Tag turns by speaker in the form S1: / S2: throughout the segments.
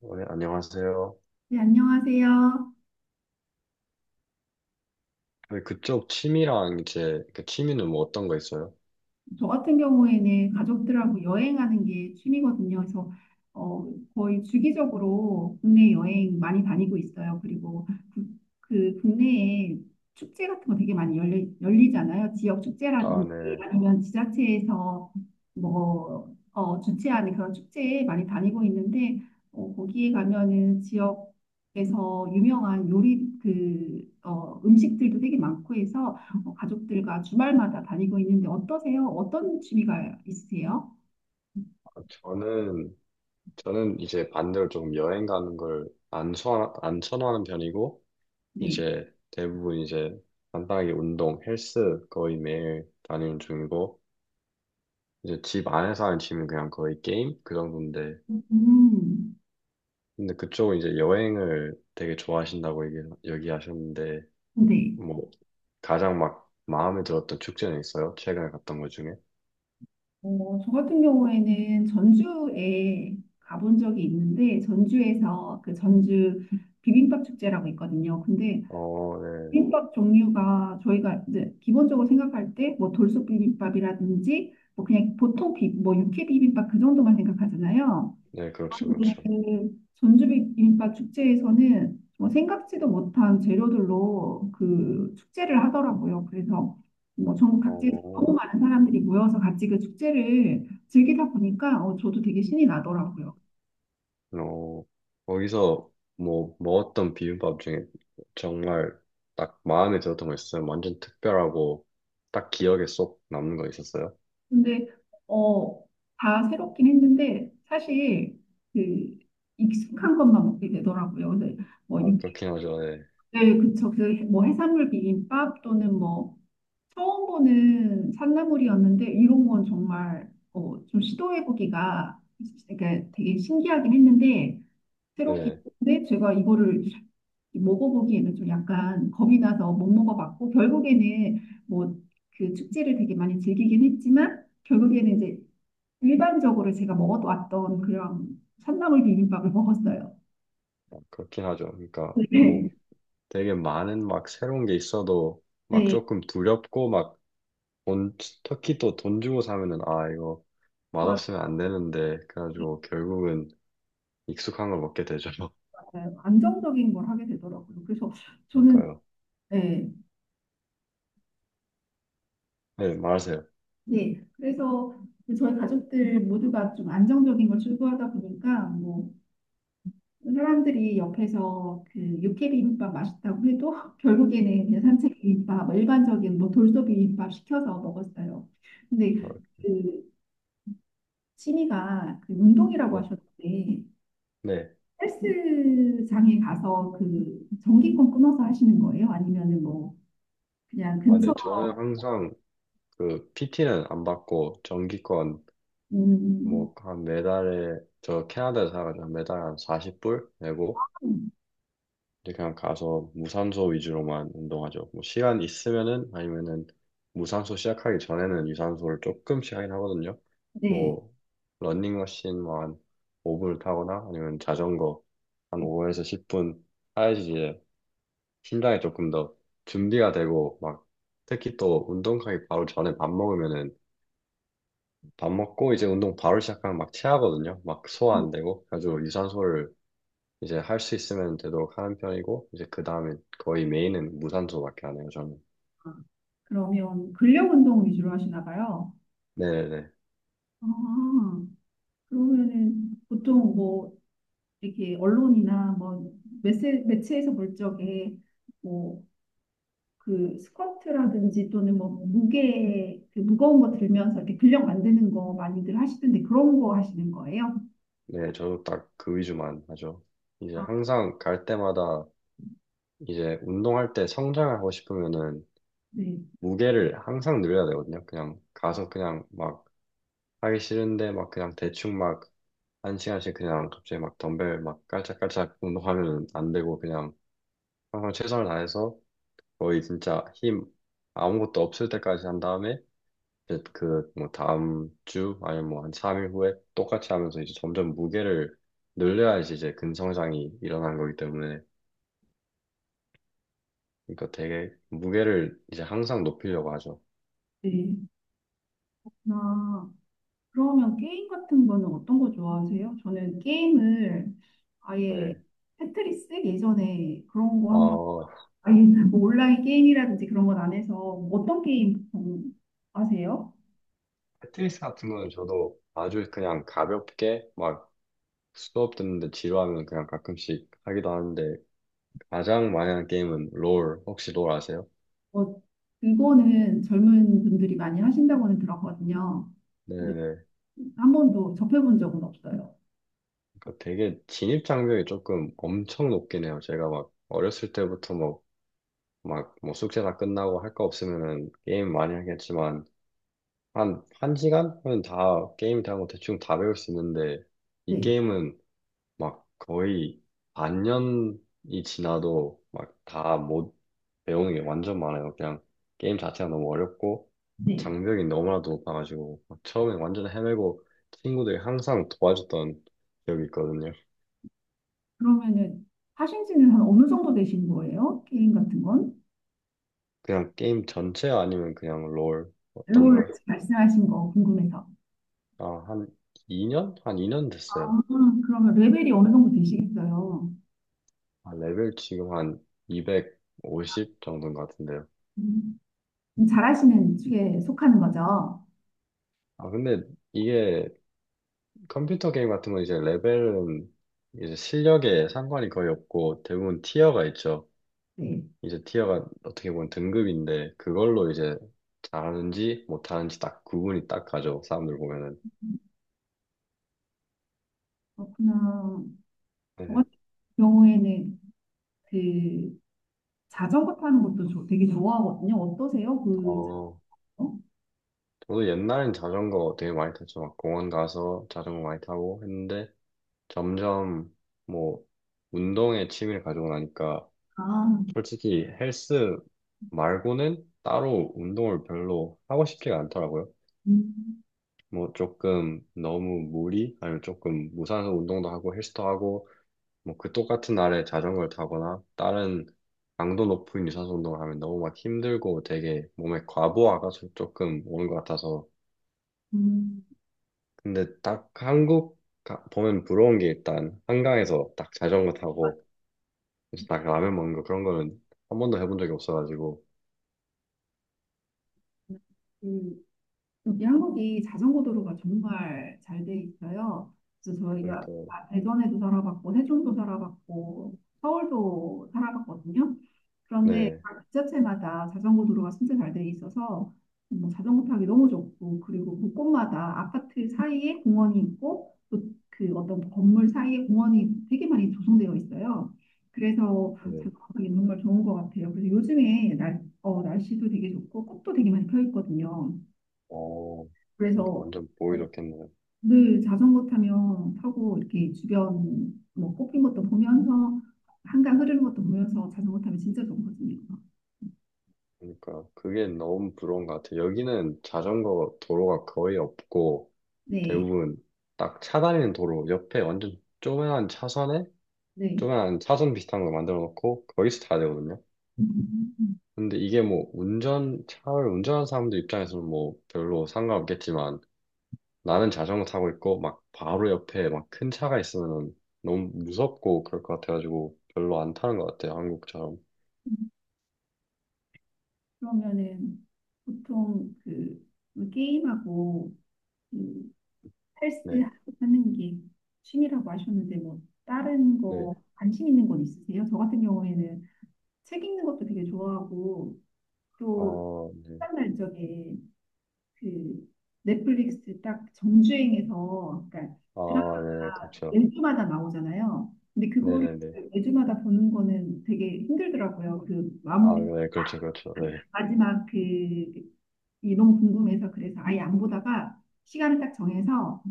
S1: 네, 안녕하세요.
S2: 네, 안녕하세요.
S1: 네, 그쪽 취미랑 이제 그 취미는 뭐 어떤 거 있어요?
S2: 저 같은 경우에는 가족들하고 여행하는 게 취미거든요. 그래서 어, 거의 주기적으로 국내 여행 많이 다니고 있어요. 그리고 그 국내에 축제 같은 거 되게 많이 열리잖아요. 지역
S1: 아,
S2: 축제라든지
S1: 네.
S2: 아니면 지자체에서 주최하는 그런 축제에 많이 다니고 있는데 거기에 가면은 지역에서 유명한 요리 음식들도 되게 많고 해서 뭐 가족들과 주말마다 다니고 있는데 어떠세요? 어떤 취미가 있으세요?
S1: 아, 저는 이제 반대로 조금 여행 가는 걸 안 선안 선호하는 편이고
S2: 네.
S1: 이제 대부분 이제 간단하게 운동, 헬스 거의 매일 다니는 중이고 이제 집 안에서 하는 취미는 그냥 거의 게임 그 정도인데
S2: 음,
S1: 근데 그쪽은 이제 여행을 되게 좋아하신다고 얘기하셨는데.
S2: 네.
S1: 뭐 가장 막 마음에 들었던 축제는 있어요? 최근에 갔던 것 중에?
S2: 어, 저 같은 경우에는 전주에 가본 적이 있는데 전주에서 그 전주 비빔밥 축제라고 있거든요. 근데
S1: 어, 네.
S2: 비빔밥 종류가 저희가 이제 기본적으로 생각할 때 뭐 돌솥 비빔밥이라든지 뭐 그냥 뭐 육회 비빔밥 그 정도만 생각하잖아요.
S1: 네, 그렇죠,
S2: 네,
S1: 그렇죠.
S2: 전주 비빔밥 축제에서는 뭐 생각지도 못한 재료들로 그 축제를 하더라고요. 그래서 뭐 전국 각지에서 너무
S1: 어,
S2: 많은 사람들이 모여서 같이 그 축제를 즐기다 보니까 저도 되게 신이 나더라고요.
S1: 어, 거기서 뭐 먹었던 비빔밥 중에 정말 딱 마음에 들었던 거 있어요? 완전 특별하고 딱 기억에 쏙 남는 거 있었어요?
S2: 근데 어, 다 새롭긴 했는데 사실 그 익숙한 것만 먹게 되더라고요. 근데 뭐
S1: 아,
S2: 육회,
S1: 그렇긴 하죠, 네.
S2: 네, 그쵸. 그뭐 해산물 비빔밥 또는 뭐 처음 보는 산나물이었는데 이런 건 정말 좀 시도해보기가 그러니까 되게 신기하긴 했는데 새롭긴
S1: 네,
S2: 했는데 제가 이거를 먹어보기에는 좀 약간 겁이 나서 못 먹어봤고 결국에는 뭐 그 축제를 되게 많이 즐기긴 했지만 결국에는 이제 일반적으로 제가 먹어왔던 그런 산나물 비빔밥을 먹었어요.
S1: 아, 그렇긴 하죠. 그러니까 뭐
S2: 네.
S1: 되게 많은 막 새로운 게 있어도 막
S2: 네.
S1: 조금 두렵고 막 돈, 특히 또 돈 주고 사면은 아, 이거
S2: 맞아요.
S1: 맛없으면 안 되는데 그래가지고 결국은 익숙한 걸 먹게 되죠.
S2: 안정적인 걸 하게 되더라고요. 그래서 저는
S1: 그러니까요.
S2: 네,
S1: 네, 말하세요.
S2: 네, 그래서 저희 가족들 모두가 좀 안정적인 걸 추구하다 보니까 뭐 사람들이 옆에서 그 육회 비빔밥 맛있다고 해도 결국에는 그냥
S1: 음,
S2: 산채 비빔밥, 뭐 일반적인 뭐 돌솥 비빔밥 시켜서 먹었어요. 근데
S1: 어,
S2: 그 취미가 그 운동이라고
S1: 네,
S2: 하셨는데
S1: 네.
S2: 헬스장에 가서 그 전기권 끊어서 하시는 거예요? 아니면은 뭐 그냥
S1: 아,
S2: 근처
S1: 네, 저는 항상 그 PT는 안 받고 정기권
S2: 음,
S1: 뭐 한 매달에 저 캐나다에 살아가지고 한 매달 한 40불 내고 이제 그냥 가서 무산소 위주로만 운동하죠. 뭐 시간 있으면은 아니면은 무산소 시작하기 전에는 유산소를 조금씩 하긴 하거든요.
S2: 네.
S1: 뭐 러닝머신 뭐한 5분을 타거나 아니면 자전거 한 5에서 10분 타야지 심장이 조금 더 준비가 되고 막 특히 또 운동하기 바로 전에 밥 먹으면은 밥 먹고 이제 운동 바로 시작하면 막 체하거든요. 막 소화 안 되고 아주 유산소를 이제 할 수 있으면 되도록 하는 편이고 이제 그 다음에 거의 메인은 무산소밖에 안 해요 저는.
S2: 그러면 근력 운동 위주로 하시나 봐요.
S1: 네네네.
S2: 아, 그러면은 보통 뭐 이렇게 언론이나 뭐 매체에서 볼 적에 뭐 그 스쿼트라든지 또는 뭐 무게 그 무거운 거 들면서 이렇게 근력 만드는 거 많이들 하시던데 그런 거 하시는 거예요?
S1: 네 저도 딱 그 위주만 하죠. 이제
S2: 아,
S1: 항상 갈 때마다 이제 운동할 때 성장하고 싶으면은
S2: 네,
S1: 무게를 항상 늘려야 되거든요. 그냥 가서 그냥 막 하기 싫은데 막 그냥 대충 막 한 시간씩 그냥 갑자기 막 덤벨 막 깔짝깔짝 운동하면 안 되고 그냥 항상 최선을 다해서 거의 진짜 힘 아무것도 없을 때까지 한 다음에 이제 그 뭐 다음 주 아니면 뭐 한 3일 후에 똑같이 하면서 이제 점점 무게를 늘려야지 이제 근성장이 일어나는 거기 때문에 그러니까 되게 무게를 이제 항상 높이려고 하죠.
S2: 네. 나 그러면 게임 같은 거는 어떤 거 좋아하세요? 저는 게임을 아예
S1: 네.
S2: 테트리스 예전에 그런 거 한번
S1: 어,
S2: 아니, 뭐 온라인 게임이라든지 그런 건 안 해서 어떤 게임 보통 하세요?
S1: 패트리스 같은 거는 저도 아주 그냥 가볍게 막 수업 듣는데 지루하면 그냥 가끔씩 하기도 하는데 가장 많이 하는 게임은 롤. 혹시 롤 아세요?
S2: 뭐 그거는 젊은 분들이 많이 하신다고는 들었거든요. 근데
S1: 네네.
S2: 한 번도 접해본 적은 없어요.
S1: 그 되게 진입 장벽이 조금 엄청 높긴 해요. 제가 막 어렸을 때부터 뭐, 막, 뭐 숙제 다 끝나고 할 거 없으면은 게임 많이 하겠지만, 한 시간은 다, 게임 대한 거 대충 다 배울 수 있는데, 이
S2: 네,
S1: 게임은 막 거의 반년이 지나도 막 다 못 배우는 게 완전 많아요. 그냥 게임 자체가 너무 어렵고
S2: 네.
S1: 장벽이 너무나도 높아가지고 막 처음에 완전 헤매고 친구들이 항상 도와줬던 기억이 있거든요.
S2: 그러면은 하신 지는 한 어느 정도 되신 거예요? 게임 같은 건?
S1: 그냥 게임 전체 아니면 그냥 롤 어떤
S2: 롤
S1: 거요?
S2: 말씀하신 거 궁금해서.
S1: 아, 한 2년? 한 2년
S2: 아,
S1: 됐어요.
S2: 그러면 레벨이 어느 정도 되시겠어요?
S1: 아, 레벨 지금 한 250 정도인 것 같은데요.
S2: 음, 잘하시는 축에 속하는 거죠?
S1: 아, 근데 이게 컴퓨터 게임 같은 건 이제 레벨은 이제 실력에 상관이 거의 없고 대부분 티어가 있죠.
S2: 네.
S1: 이제 티어가 어떻게 보면 등급인데 그걸로 이제 잘하는지 못하는지 딱 구분이 딱 가죠. 사람들 보면은.
S2: 그렇구나. 저
S1: 네.
S2: 같은 경우에는 그 자전거 타는 것도 저 되게 좋아하거든요. 어떠세요? 그,
S1: 어,
S2: 자전거?
S1: 저도 옛날엔 자전거 되게 많이 탔죠. 막 공원 가서 자전거 많이 타고 했는데 점점 뭐 운동에 취미를 가지고 나니까
S2: 아,
S1: 솔직히 헬스 말고는 따로 운동을 별로 하고 싶지가 않더라고요.
S2: 음,
S1: 뭐 조금 너무 무리 아니면 조금 무산소 운동도 하고 헬스도 하고 뭐 그 똑같은 날에 자전거를 타거나 다른 강도 높은 유산소 운동을 하면 너무 막 힘들고 되게 몸에 과부하가 조금 오는 것 같아서
S2: 음.
S1: 근데 딱 한국 가- 보면 부러운 게 일단 한강에서 딱 자전거 타고 그래서 딱 라면 먹는 거 그런 거는 한 번도 해본 적이 없어가지고
S2: 그 여기 한국이 자전거 도로가 정말 잘 돼 있어요. 그래서 저희가
S1: 그러니까
S2: 아, 대전에도 살아봤고 세종도 살아봤고 서울도 살아봤거든요. 그런데
S1: 네,
S2: 각 지자체마다 자전거 도로가 진짜 잘 돼 있어서 뭐 자전거 타기 너무 좋고 그리고 곳곳마다 아파트 사이에 공원이 있고 또 그 어떤 건물 사이에 공원이 되게 많이 조성되어 있어요. 그래서
S1: 네.
S2: 자전거 타기 정말 좋은 것 같아요. 그래서 요즘에 날씨도 되게 좋고 꽃도 되게 많이 펴 있거든요.
S1: 어, 이거
S2: 그래서
S1: 완전 보이
S2: 어,
S1: 좋겠네요.
S2: 늘 자전거 타면 타고 이렇게 주변 뭐 꽃핀 것도 보면서 한강 흐르는 것도 보면서 자전거 타면 진짜 좋거든요.
S1: 그러니까 그게 너무 부러운 것 같아요. 여기는 자전거 도로가 거의 없고
S2: 네,
S1: 대부분 딱 차 다니는 도로 옆에 완전 조그만한 차선에
S2: 네.
S1: 조그만한 차선 비슷한 거 만들어 놓고 거기서 타야 되거든요.
S2: 음.
S1: 근데 이게 뭐 운전 차를 운전하는 사람들 입장에서는 뭐 별로 상관없겠지만 나는 자전거 타고 있고 막 바로 옆에 막 큰 차가 있으면 너무 무섭고 그럴 것 같아가지고 별로 안 타는 것 같아요. 한국처럼.
S2: 그러면은 보통 그 뭐 게임하고 그
S1: 네,
S2: 헬스하고 하는 게 취미라고 하셨는데 뭐 다른
S1: 네,
S2: 거 관심 있는 건 있으세요? 저 같은 경우에는 책 읽는 것도 되게 좋아하고 또
S1: 어, 네,
S2: 시간 날 적에 그 넷플릭스 딱 정주행해서 그러니까
S1: 아, 네,
S2: 드라마가
S1: 그렇죠.
S2: 매주마다 나오잖아요. 근데 그거를
S1: 네네네.
S2: 매주마다 보는 거는 되게 힘들더라고요. 그
S1: 아,
S2: 마무리
S1: 네, 그렇죠, 그렇죠. 네.
S2: 마지막 그 이 너무 궁금해서 그래서 아예 안 보다가 시간을 딱 정해서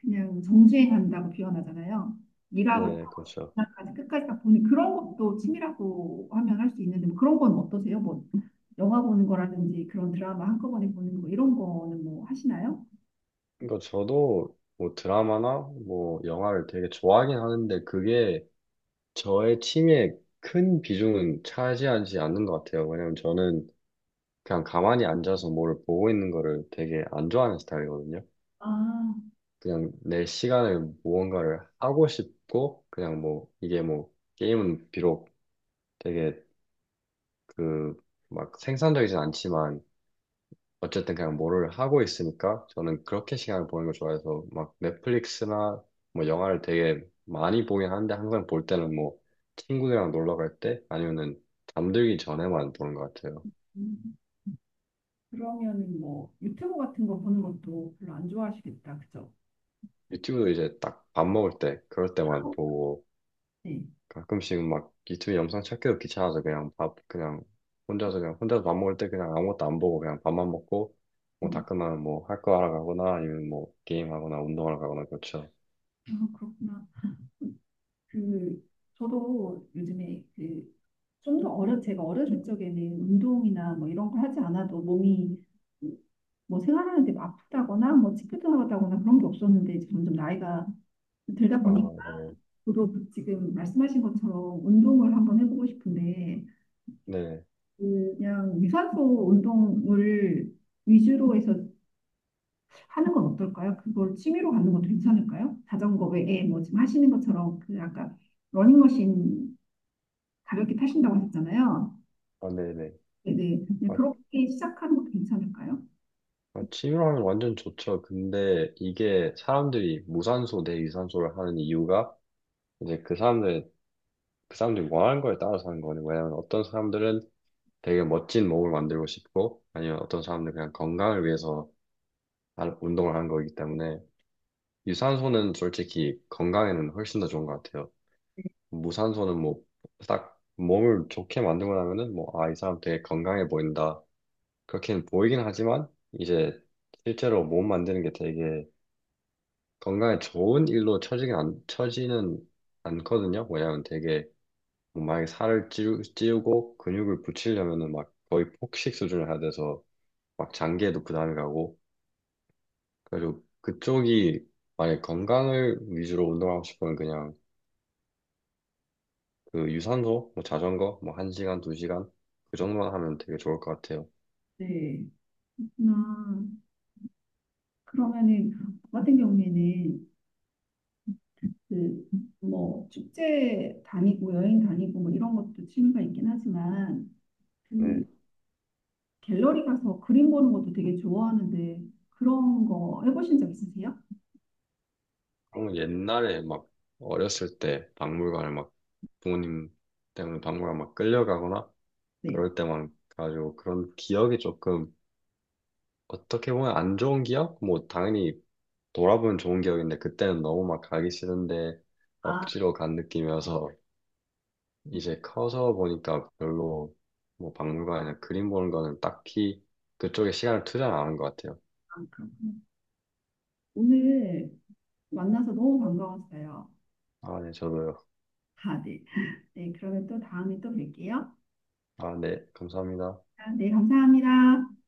S2: 그냥 정주행한다고 표현하잖아요. 일화부터
S1: 네, 그렇죠.
S2: 10까지 끝까지 다 보는 그런 것도 취미라고 하면 할 수 있는데 뭐 그런 건 어떠세요? 뭐 영화 보는 거라든지 그런 드라마 한꺼번에 보는 거 이런 거는 뭐 하시나요?
S1: 그러니까 저도 뭐 드라마나 뭐 영화를 되게 좋아하긴 하는데 그게 저의 취미에 큰 비중은 차지하지 않는 것 같아요. 왜냐면 저는 그냥 가만히 앉아서 뭐를 보고 있는 거를 되게 안 좋아하는 스타일이거든요.
S2: 아,
S1: 그냥 내 시간을 무언가를 하고 싶고 그냥 뭐 이게 뭐 게임은 비록 되게 그 막 생산적이진 않지만 어쨌든 그냥 뭐를 하고 있으니까 저는 그렇게 시간을 보는 걸 좋아해서 막 넷플릭스나 뭐 영화를 되게 많이 보긴 하는데 항상 볼 때는 뭐 친구들이랑 놀러 갈 때 아니면은 잠들기 전에만 보는 것 같아요.
S2: 음, 그러면은 뭐 유튜브 같은 거 보는 것도 별로 안 좋아하시겠다, 그죠?
S1: 유튜브도 이제 딱 밥 먹을 때 그럴 때만 보고
S2: 네.
S1: 가끔씩 막 유튜브 영상 찾기도 귀찮아서 그냥 밥 그냥 혼자서 그냥 혼자서 밥 먹을 때 그냥 아무것도 안 보고 그냥 밥만 먹고 뭐
S2: 음.
S1: 다 끝나면 뭐 할 거 하러 가거나 아니면 뭐 게임하거나 운동하러 가거나 그렇죠.
S2: 아, 그렇구나. 그 저도 요즘에 그 좀 더 어려 제가 어렸을 적에는 운동이나 뭐 이런 거 하지 않아도 몸이 뭐 생활하는데 뭐 아프다거나 뭐 찌뿌둥하다거나 그런 게 없었는데 이제 점점 나이가 들다
S1: 아,
S2: 보니까
S1: 네.
S2: 저도 지금 말씀하신 것처럼 운동을 한번 해보고 싶은데
S1: 네.
S2: 그냥 유산소 운동을 위주로 해서 하는 건 어떨까요? 그걸 취미로 갖는 것도 괜찮을까요? 자전거 외에 뭐 지금 하시는 것처럼 그 아까 러닝머신 가볍게 타신다고 하셨잖아요.
S1: 아, 네네.
S2: 네네. 그냥
S1: 아,
S2: 그렇게 시작하는 것도 괜찮을까요?
S1: 아, 취미로하면 완전 좋죠. 근데 이게 사람들이 무산소 대 유산소를 하는 이유가 이제 그 사람들 그 사람들이 원하는 거에 따라서 하는 거는 왜냐면 어떤 사람들은 되게 멋진 몸을 만들고 싶고 아니면 어떤 사람들은 그냥 건강을 위해서 운동을 하는 거기 때문에 유산소는 솔직히 건강에는 훨씬 더 좋은 것 같아요. 무산소는 뭐 딱 몸을 좋게 만들고 나면은 뭐 아, 이 사람 되게 건강해 보인다. 그렇게는 보이긴 하지만 이제 실제로 몸 만드는 게 되게 건강에 좋은 일로 처지긴 안, 처지는 않거든요. 왜냐면 되게 뭐 만약에 찌우고 근육을 붙이려면은 막 거의 폭식 수준을 해야 돼서 막 장기에도 부담이 가고 그래서 그쪽이 만약에 건강을 위주로 운동하고 싶으면 그냥 그 유산소 뭐 자전거 뭐 한 시간 두 시간 그 정도만 하면 되게 좋을 것 같아요.
S2: 네. 나 그러면은 저 같은 경우에는 그 뭐 축제 다니고 여행 다니고 뭐 이런 것도 취미가 있긴 하지만 그
S1: 네.
S2: 갤러리 가서 그림 보는 것도 되게 좋아하는데 그런 거 해보신 적 있으세요?
S1: 그럼 옛날에 막 어렸을 때 박물관을 막 부모님 때문에 박물관 막 끌려가거나
S2: 네.
S1: 그럴 때만 가지고 그런 기억이 조금 어떻게 보면 안 좋은 기억? 뭐 당연히 돌아보면 좋은 기억인데 그때는 너무 막 가기 싫은데
S2: 아,
S1: 억지로 간 느낌이어서 이제 커서 보니까 별로 뭐 박물관이나 그림 보는 거는 딱히 그쪽에 시간을 투자를 안 하는 것 같아요.
S2: 그렇군요. 오늘 만나서 너무 반가웠어요.
S1: 아, 네, 저도요.
S2: 아, 네. 네, 그러면 또 다음에 또 뵐게요.
S1: 아, 네, 감사합니다.
S2: 아, 네, 감사합니다.